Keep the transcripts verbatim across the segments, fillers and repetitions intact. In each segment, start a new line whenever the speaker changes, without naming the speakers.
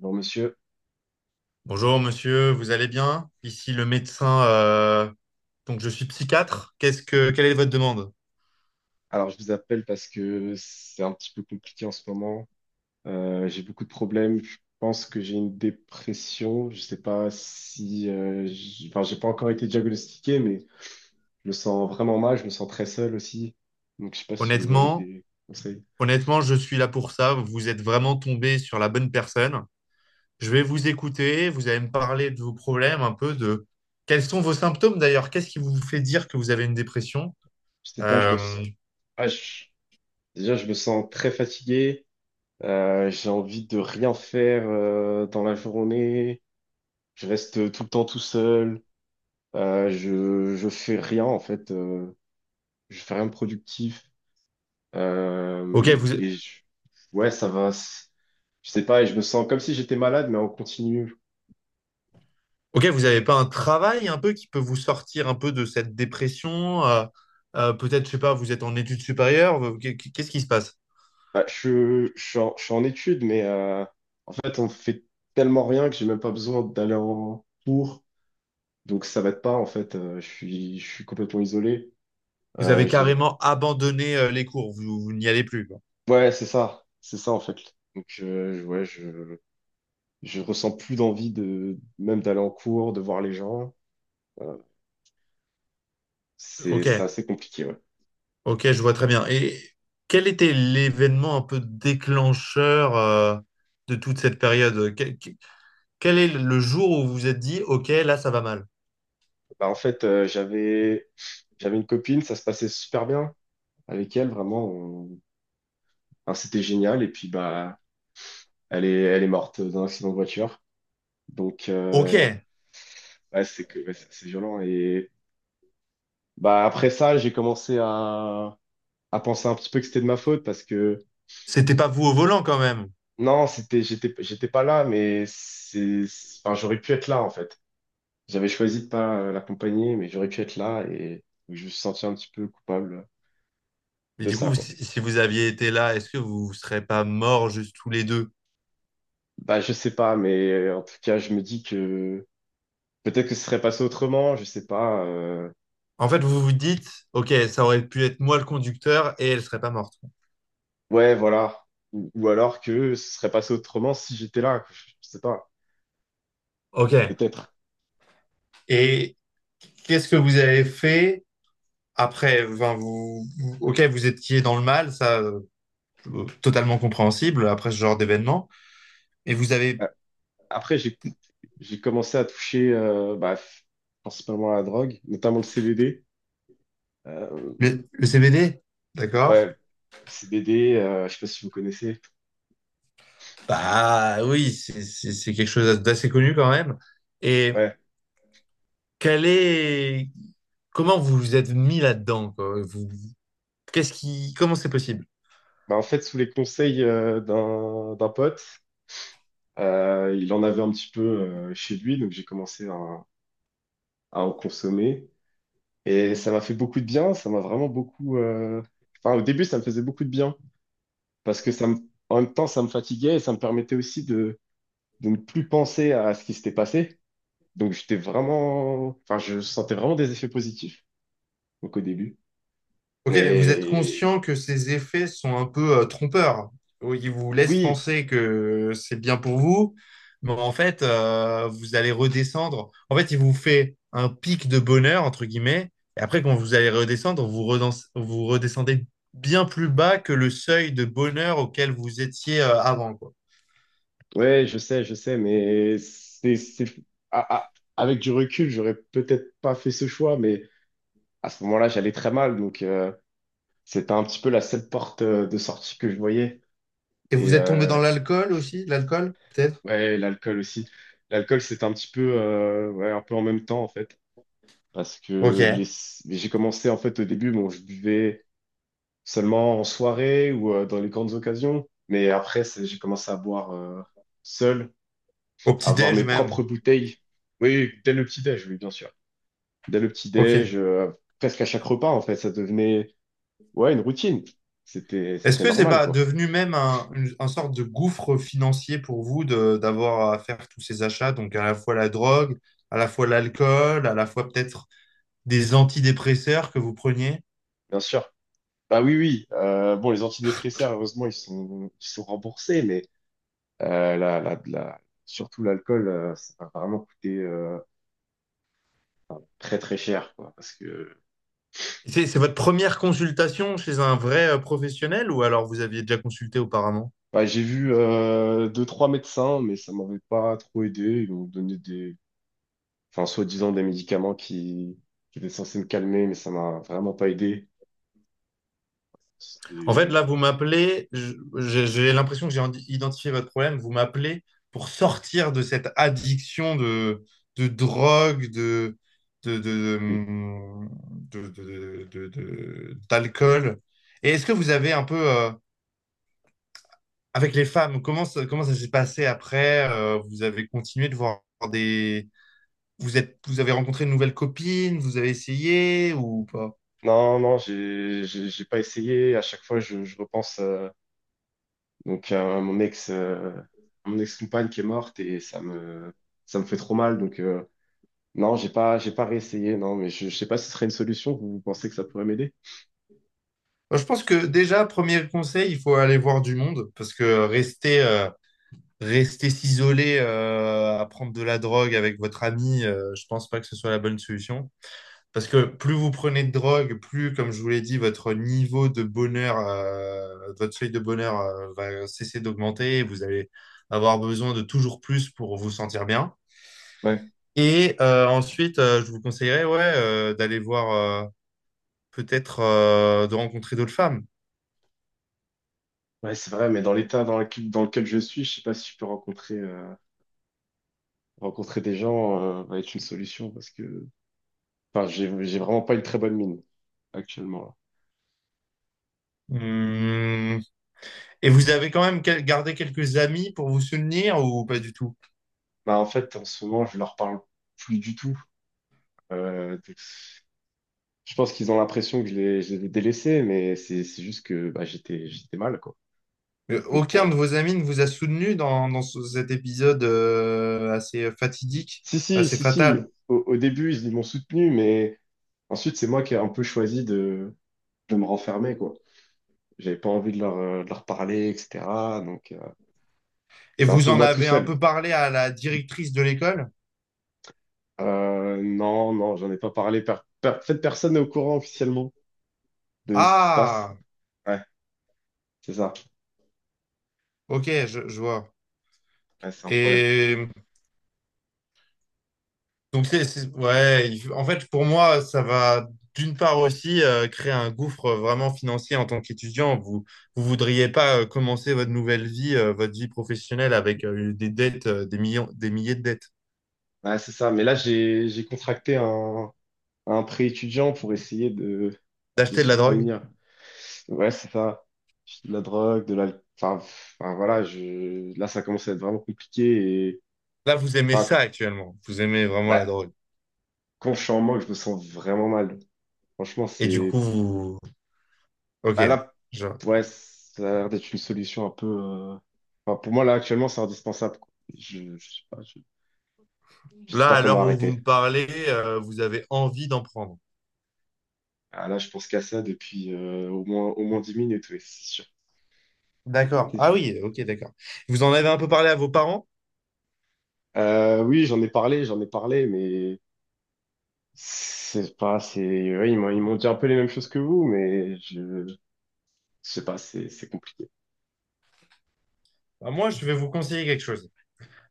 Bon, monsieur,
Bonjour monsieur, vous allez bien? Ici le médecin, euh, donc je suis psychiatre. Qu'est-ce que, quelle est votre demande?
alors je vous appelle parce que c'est un petit peu compliqué en ce moment. Euh, j'ai beaucoup de problèmes. Je pense que j'ai une dépression. Je sais pas si, euh, j'- enfin, j'ai pas encore été diagnostiqué, mais je me sens vraiment mal. Je me sens très seul aussi. Donc, je sais pas si vous avez
Honnêtement,
des conseils.
honnêtement, je suis là pour ça. Vous êtes vraiment tombé sur la bonne personne. Je vais vous écouter. Vous allez me parler de vos problèmes, un peu de quels sont vos symptômes d'ailleurs. Qu'est-ce qui vous fait dire que vous avez une dépression?
Je sais pas. Je me,
Euh,
s- ah, je- Déjà, je me sens très fatigué. Euh, j'ai envie de rien faire euh, dans la journée. Je reste tout le temps tout seul. Euh, je, je fais rien en fait. Euh, je fais rien de productif.
ok,
Euh,
vous,
et je- ouais, ça va. c- Je sais pas, et je me sens comme si j'étais malade, mais en continu.
ok, vous n'avez pas un travail un peu qui peut vous sortir un peu de cette dépression? Euh, euh, peut-être, je sais pas, vous êtes en études supérieures. vous- Qu'est- Qu'est-ce qui se passe?
Bah, je, je suis en, je suis en études, mais euh, en fait, on fait tellement rien que j'ai même pas besoin d'aller en cours. Donc ça m'aide pas, en fait. Euh, je suis, je suis complètement isolé.
Vous
Euh,
avez
j'ai-
carrément abandonné euh, les cours, vous, vous n'y allez plus, quoi.
ouais, c'est ça. C'est ça, en fait. Donc euh, ouais, je, je ressens plus d'envie de même d'aller en cours, de voir les gens. Euh, c'est,
Ok,
c'est assez compliqué, ouais.
ok, je vois très bien. Et quel était l'événement un peu déclencheur euh, de toute cette période? Que- que- Quel est le jour où vous vous êtes dit, ok, là, ça va mal?
Bah, en fait, euh, j'avais J'avais une copine, ça se passait super bien avec elle, vraiment. On- enfin, c'était génial. Et puis, bah, elle est, elle est morte d'un accident de voiture. Donc,
Ok,
euh, ouais, c'est que, ouais, c'est c'est violent. Et bah, après ça, j'ai commencé à, à penser un petit peu que c'était de ma faute parce que,
c'était pas vous au volant quand même.
non, c'était, j'étais, j'étais pas là, mais c'est, c'est- enfin, j'aurais pu être là, en fait. J'avais choisi de pas euh, l'accompagner, mais j'aurais pu être là et je me suis senti un petit peu coupable
Mais
de
du
ça,
coup,
quoi.
si, si vous aviez été là, est-ce que vous ne serez pas morts juste tous les deux?
Bah, je sais pas, mais euh, en tout cas, je me dis que peut-être que ce serait passé autrement, je sais pas. euh,
En fait, vous vous dites, ok, ça aurait pu être moi le conducteur et elle serait pas morte.
Ouais, voilà. Ou, ou alors que ce serait passé autrement si j'étais là, que je, je sais pas.
Ok.
Peut-être.
Et qu'est-ce que vous avez fait? Après, enfin, vous, vous- ok, vous étiez dans le mal, ça, euh, totalement compréhensible après ce genre d'événement. Et vous
Euh,
avez
Après, j'ai j'ai commencé à toucher euh, bah, f- principalement à la drogue, notamment le C B D. Euh,
le, le C B D,
ouais,
d'accord?
le C B D, euh, je sais pas si vous connaissez.
Bah oui, c'est c'est- c'est quelque chose d'assez connu quand même. Et
Ouais.
quel est, comment vous vous êtes mis là-dedans, quoi? Vous- qu'est-ce qui, comment c'est possible?
Bah, en fait, sous les conseils euh, d'un d'un pote, euh, il en avait un petit peu euh, chez lui, donc j'ai commencé à, à en consommer. Et ça m'a fait beaucoup de bien, ça m'a vraiment beaucoup... euh, enfin, au début, ça me faisait beaucoup de bien, parce que ça me... en même temps, ça me fatiguait et ça me permettait aussi de, de ne plus penser à ce qui s'était passé. Donc, j'étais vraiment... Enfin, je sentais vraiment des effets positifs, donc au début.
Ok, mais vous êtes
Mais
conscient que ces effets sont un peu euh, trompeurs. Oui, ils vous laissent
oui,
penser que c'est bien pour vous, mais en fait, euh, vous allez redescendre. En fait, il vous fait un pic de bonheur, entre guillemets, et après, quand vous allez redescendre, vous, redens- vous redescendez bien plus bas que le seuil de bonheur auquel vous étiez euh, avant, quoi.
ouais, je sais, je sais, mais c'est... c'est- à- à- avec du recul, j'aurais peut-être pas fait ce choix, mais à ce moment-là, j'allais très mal, donc euh, c'était un petit peu la seule porte euh, de sortie que je voyais.
Et vous
Et,
êtes tombé dans
euh,
l'alcool aussi, l'alcool, peut-être?
Ouais, l'alcool aussi. L'alcool, c'est un petit peu, euh, ouais, un peu en même temps, en fait. Parce que les...
Ok.
j'ai commencé, en fait, au début, bon, je buvais seulement en soirée ou euh, dans les grandes occasions. Mais après, c'est- j'ai commencé à boire euh, seul,
Au
à avoir mes
petit-déj même.
propres bouteilles. Oui, dès le petit-déj, oui, bien sûr. Dès le petit-déj,
Ok.
euh, presque à chaque repas, en fait, ça devenait, ouais, une routine. C'était,
Est-ce
c'était
que c'est
normal,
pas
quoi.
devenu même un, une, un sorte de gouffre financier pour vous de, d'avoir à faire tous ces achats, donc à la fois la drogue, à la fois l'alcool, à la fois peut-être des antidépresseurs que vous preniez?
Bien sûr. Bah oui, oui. Euh, bon, les antidépresseurs, heureusement, ils sont, ils sont remboursés. Euh, la, la, la- surtout l'alcool, euh, ça va vraiment coûter euh, très très cher, quoi, parce que
C'est c'est votre première consultation chez un vrai euh, professionnel ou alors vous aviez déjà consulté auparavant?
bah, j'ai vu euh, deux, trois médecins, mais ça m'avait pas trop aidé. Ils m'ont donné des, enfin, soi-disant des médicaments qui, qui étaient censés me calmer, mais ça m'a vraiment pas aidé.
En fait,
C'est...
là, vous m'appelez, je- j'ai j'ai l'impression que j'ai indi- identifié votre problème. Vous m'appelez pour sortir de cette addiction de, de drogue, de, de, de,
Oui.
de- de- de- de- d'alcool. Et est-ce que vous avez un peu, euh, avec les femmes, comment ça, comment ça s'est passé après? Euh, vous avez continué de voir des... Vous êtes, vous avez rencontré de nouvelles copines, vous avez essayé ou pas?
Non, non, j'ai, j'ai j'ai pas essayé. À chaque fois, je, je repense euh, donc à mon ex, euh, à mon ex-compagne qui est morte et ça me, ça me fait trop mal. Donc, euh, Non, j'ai pas, j'ai pas réessayé, non, mais je, je sais pas si ce serait une solution. Vous vous pensez que ça pourrait m'aider?
Je pense que déjà, premier conseil, il faut aller voir du monde parce que rester... euh, Rester s'isoler euh, à prendre de la drogue avec votre ami, euh, je pense pas que ce soit la bonne solution. Parce que plus vous prenez de drogue, plus, comme je vous l'ai dit, votre niveau de bonheur, euh, votre seuil de bonheur euh, va cesser d'augmenter. Et vous allez avoir besoin de toujours plus pour vous sentir bien.
Ouais.
Et euh, ensuite, euh, je vous conseillerais ouais, euh, d'aller voir, euh, peut-être euh, de rencontrer d'autres femmes.
Ouais, c'est vrai, mais dans l'état dans lequel, dans lequel je suis, je sais pas si je peux rencontrer, euh, rencontrer des gens, euh, va être une solution parce que, enfin, j'ai, j'ai vraiment pas une très bonne mine actuellement, là.
Hmm. Et vous avez quand même quel- gardé quelques amis pour vous soutenir ou pas du tout?
Bah, en fait, en ce moment, je leur parle plus du tout. Euh, donc, je pense qu'ils ont l'impression que je les, je les ai délaissés, mais c'est, c'est juste que, bah, j'étais, j'étais mal, quoi.
Euh,
Donc,
Aucun de
pour...
vos amis ne vous a soutenu dans, dans ce- cet épisode euh, assez fatidique,
Si, si,
assez
si,
fatal.
si, au, au début, ils m'ont soutenu, mais ensuite, c'est moi qui ai un peu choisi de, je me renfermais, quoi. J'avais pas envie de leur, euh, de leur parler, et cetera. Donc, euh,
Et
c'est un
vous
peu
en
moi tout
avez un
seul.
peu parlé à la directrice de l'école?
Euh, non, non, j'en ai pas parlé. Per- per- en fait, personne n'est au courant officiellement de ce qui se passe.
Ah,
Ouais, c'est ça.
ok, je, je vois.
Ouais, c'est un problème.
Et donc, c'est, c'est- ouais, il- en fait, pour moi, ça va d'une part aussi euh, créer un gouffre vraiment financier en tant qu'étudiant. Vous vous voudriez pas euh, commencer votre nouvelle vie, euh, votre vie professionnelle avec euh, des dettes, euh, des millions, des milliers de dettes,
Ouais, c'est ça. Mais là, j'ai, j'ai contracté un, un prêt étudiant pour essayer de, de
d'acheter de la drogue.
subvenir. Ouais, c'est ça. De la drogue, de la... Enfin, enfin, voilà, je... là, ça commence à être vraiment compliqué. Et...
Là, vous aimez ça
Enfin,
actuellement. Vous aimez vraiment la
bah,
drogue.
quand je suis en manque, je me sens vraiment mal. Franchement,
Et du
c'est...
coup, vous... Ok.
Bah là,
je-
ouais, ça a l'air d'être une solution un peu. Euh, enfin, pour moi, là, actuellement, c'est indispensable, quoi. Je, je sais pas, je, je sais
Là,
pas
à
comment
l'heure où vous me
arrêter.
parlez, euh, vous avez envie d'en prendre.
Ah, là, je pense qu'à ça depuis euh, au moins, au moins dix minutes, oui, c'est sûr.
D'accord.
C'est
Ah
sûr.
oui, ok, d'accord. Vous en avez un peu parlé à vos parents?
Euh, oui, j'en ai parlé, j'en ai parlé, mais c'est pas, c'est, ouais, ils m'ont, ils m'ont dit un peu les mêmes choses que vous, mais je, je sais pas, c'est, c'est compliqué.
Bah, moi, je vais vous conseiller quelque chose.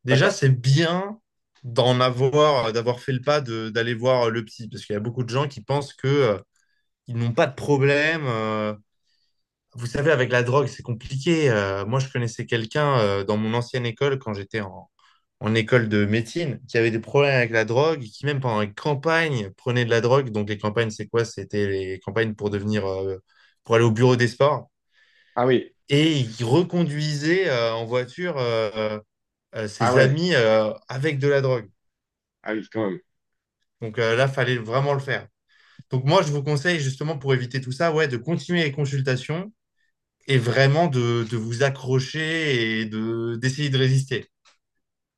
Déjà,
D'accord.
c'est bien d'en avoir, euh, d'avoir fait le pas de- d'aller voir euh, le psy, parce qu'il y a beaucoup de gens qui pensent que, euh, ils n'ont pas de problème. Euh, vous savez, avec la drogue, c'est compliqué. Euh, moi, je connaissais quelqu'un euh, dans mon ancienne école quand j'étais en, en école de médecine, qui avaient des problèmes avec la drogue, qui même pendant les campagnes prenaient de la drogue. Donc les campagnes, c'est quoi? C'était les campagnes pour devenir, euh, pour aller au bureau des sports.
Ah oui,
Et ils reconduisaient euh, en voiture euh, euh,
ah
ses
ouais,
amis euh, avec de la drogue.
ah oui, quand même.
Donc euh, là, fallait vraiment le faire. Donc moi, je vous conseille justement pour éviter tout ça, ouais, de continuer les consultations et vraiment de, de vous accrocher et de d'essayer de résister.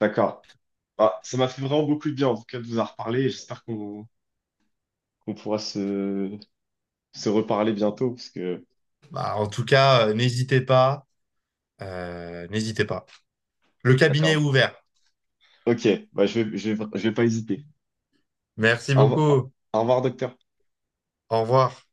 D'accord. Bah, ça m'a fait vraiment beaucoup de bien, en tout cas, de vous en reparler. J'espère qu'on qu'on pourra se se reparler bientôt parce que.
Bah, en tout cas, euh, n'hésitez pas, euh, n'hésitez pas. Le cabinet est
D'accord.
ouvert.
Ok, bah je vais, je vais, je vais pas hésiter.
Merci
Au revoir,
beaucoup.
au revoir, docteur.
Au revoir.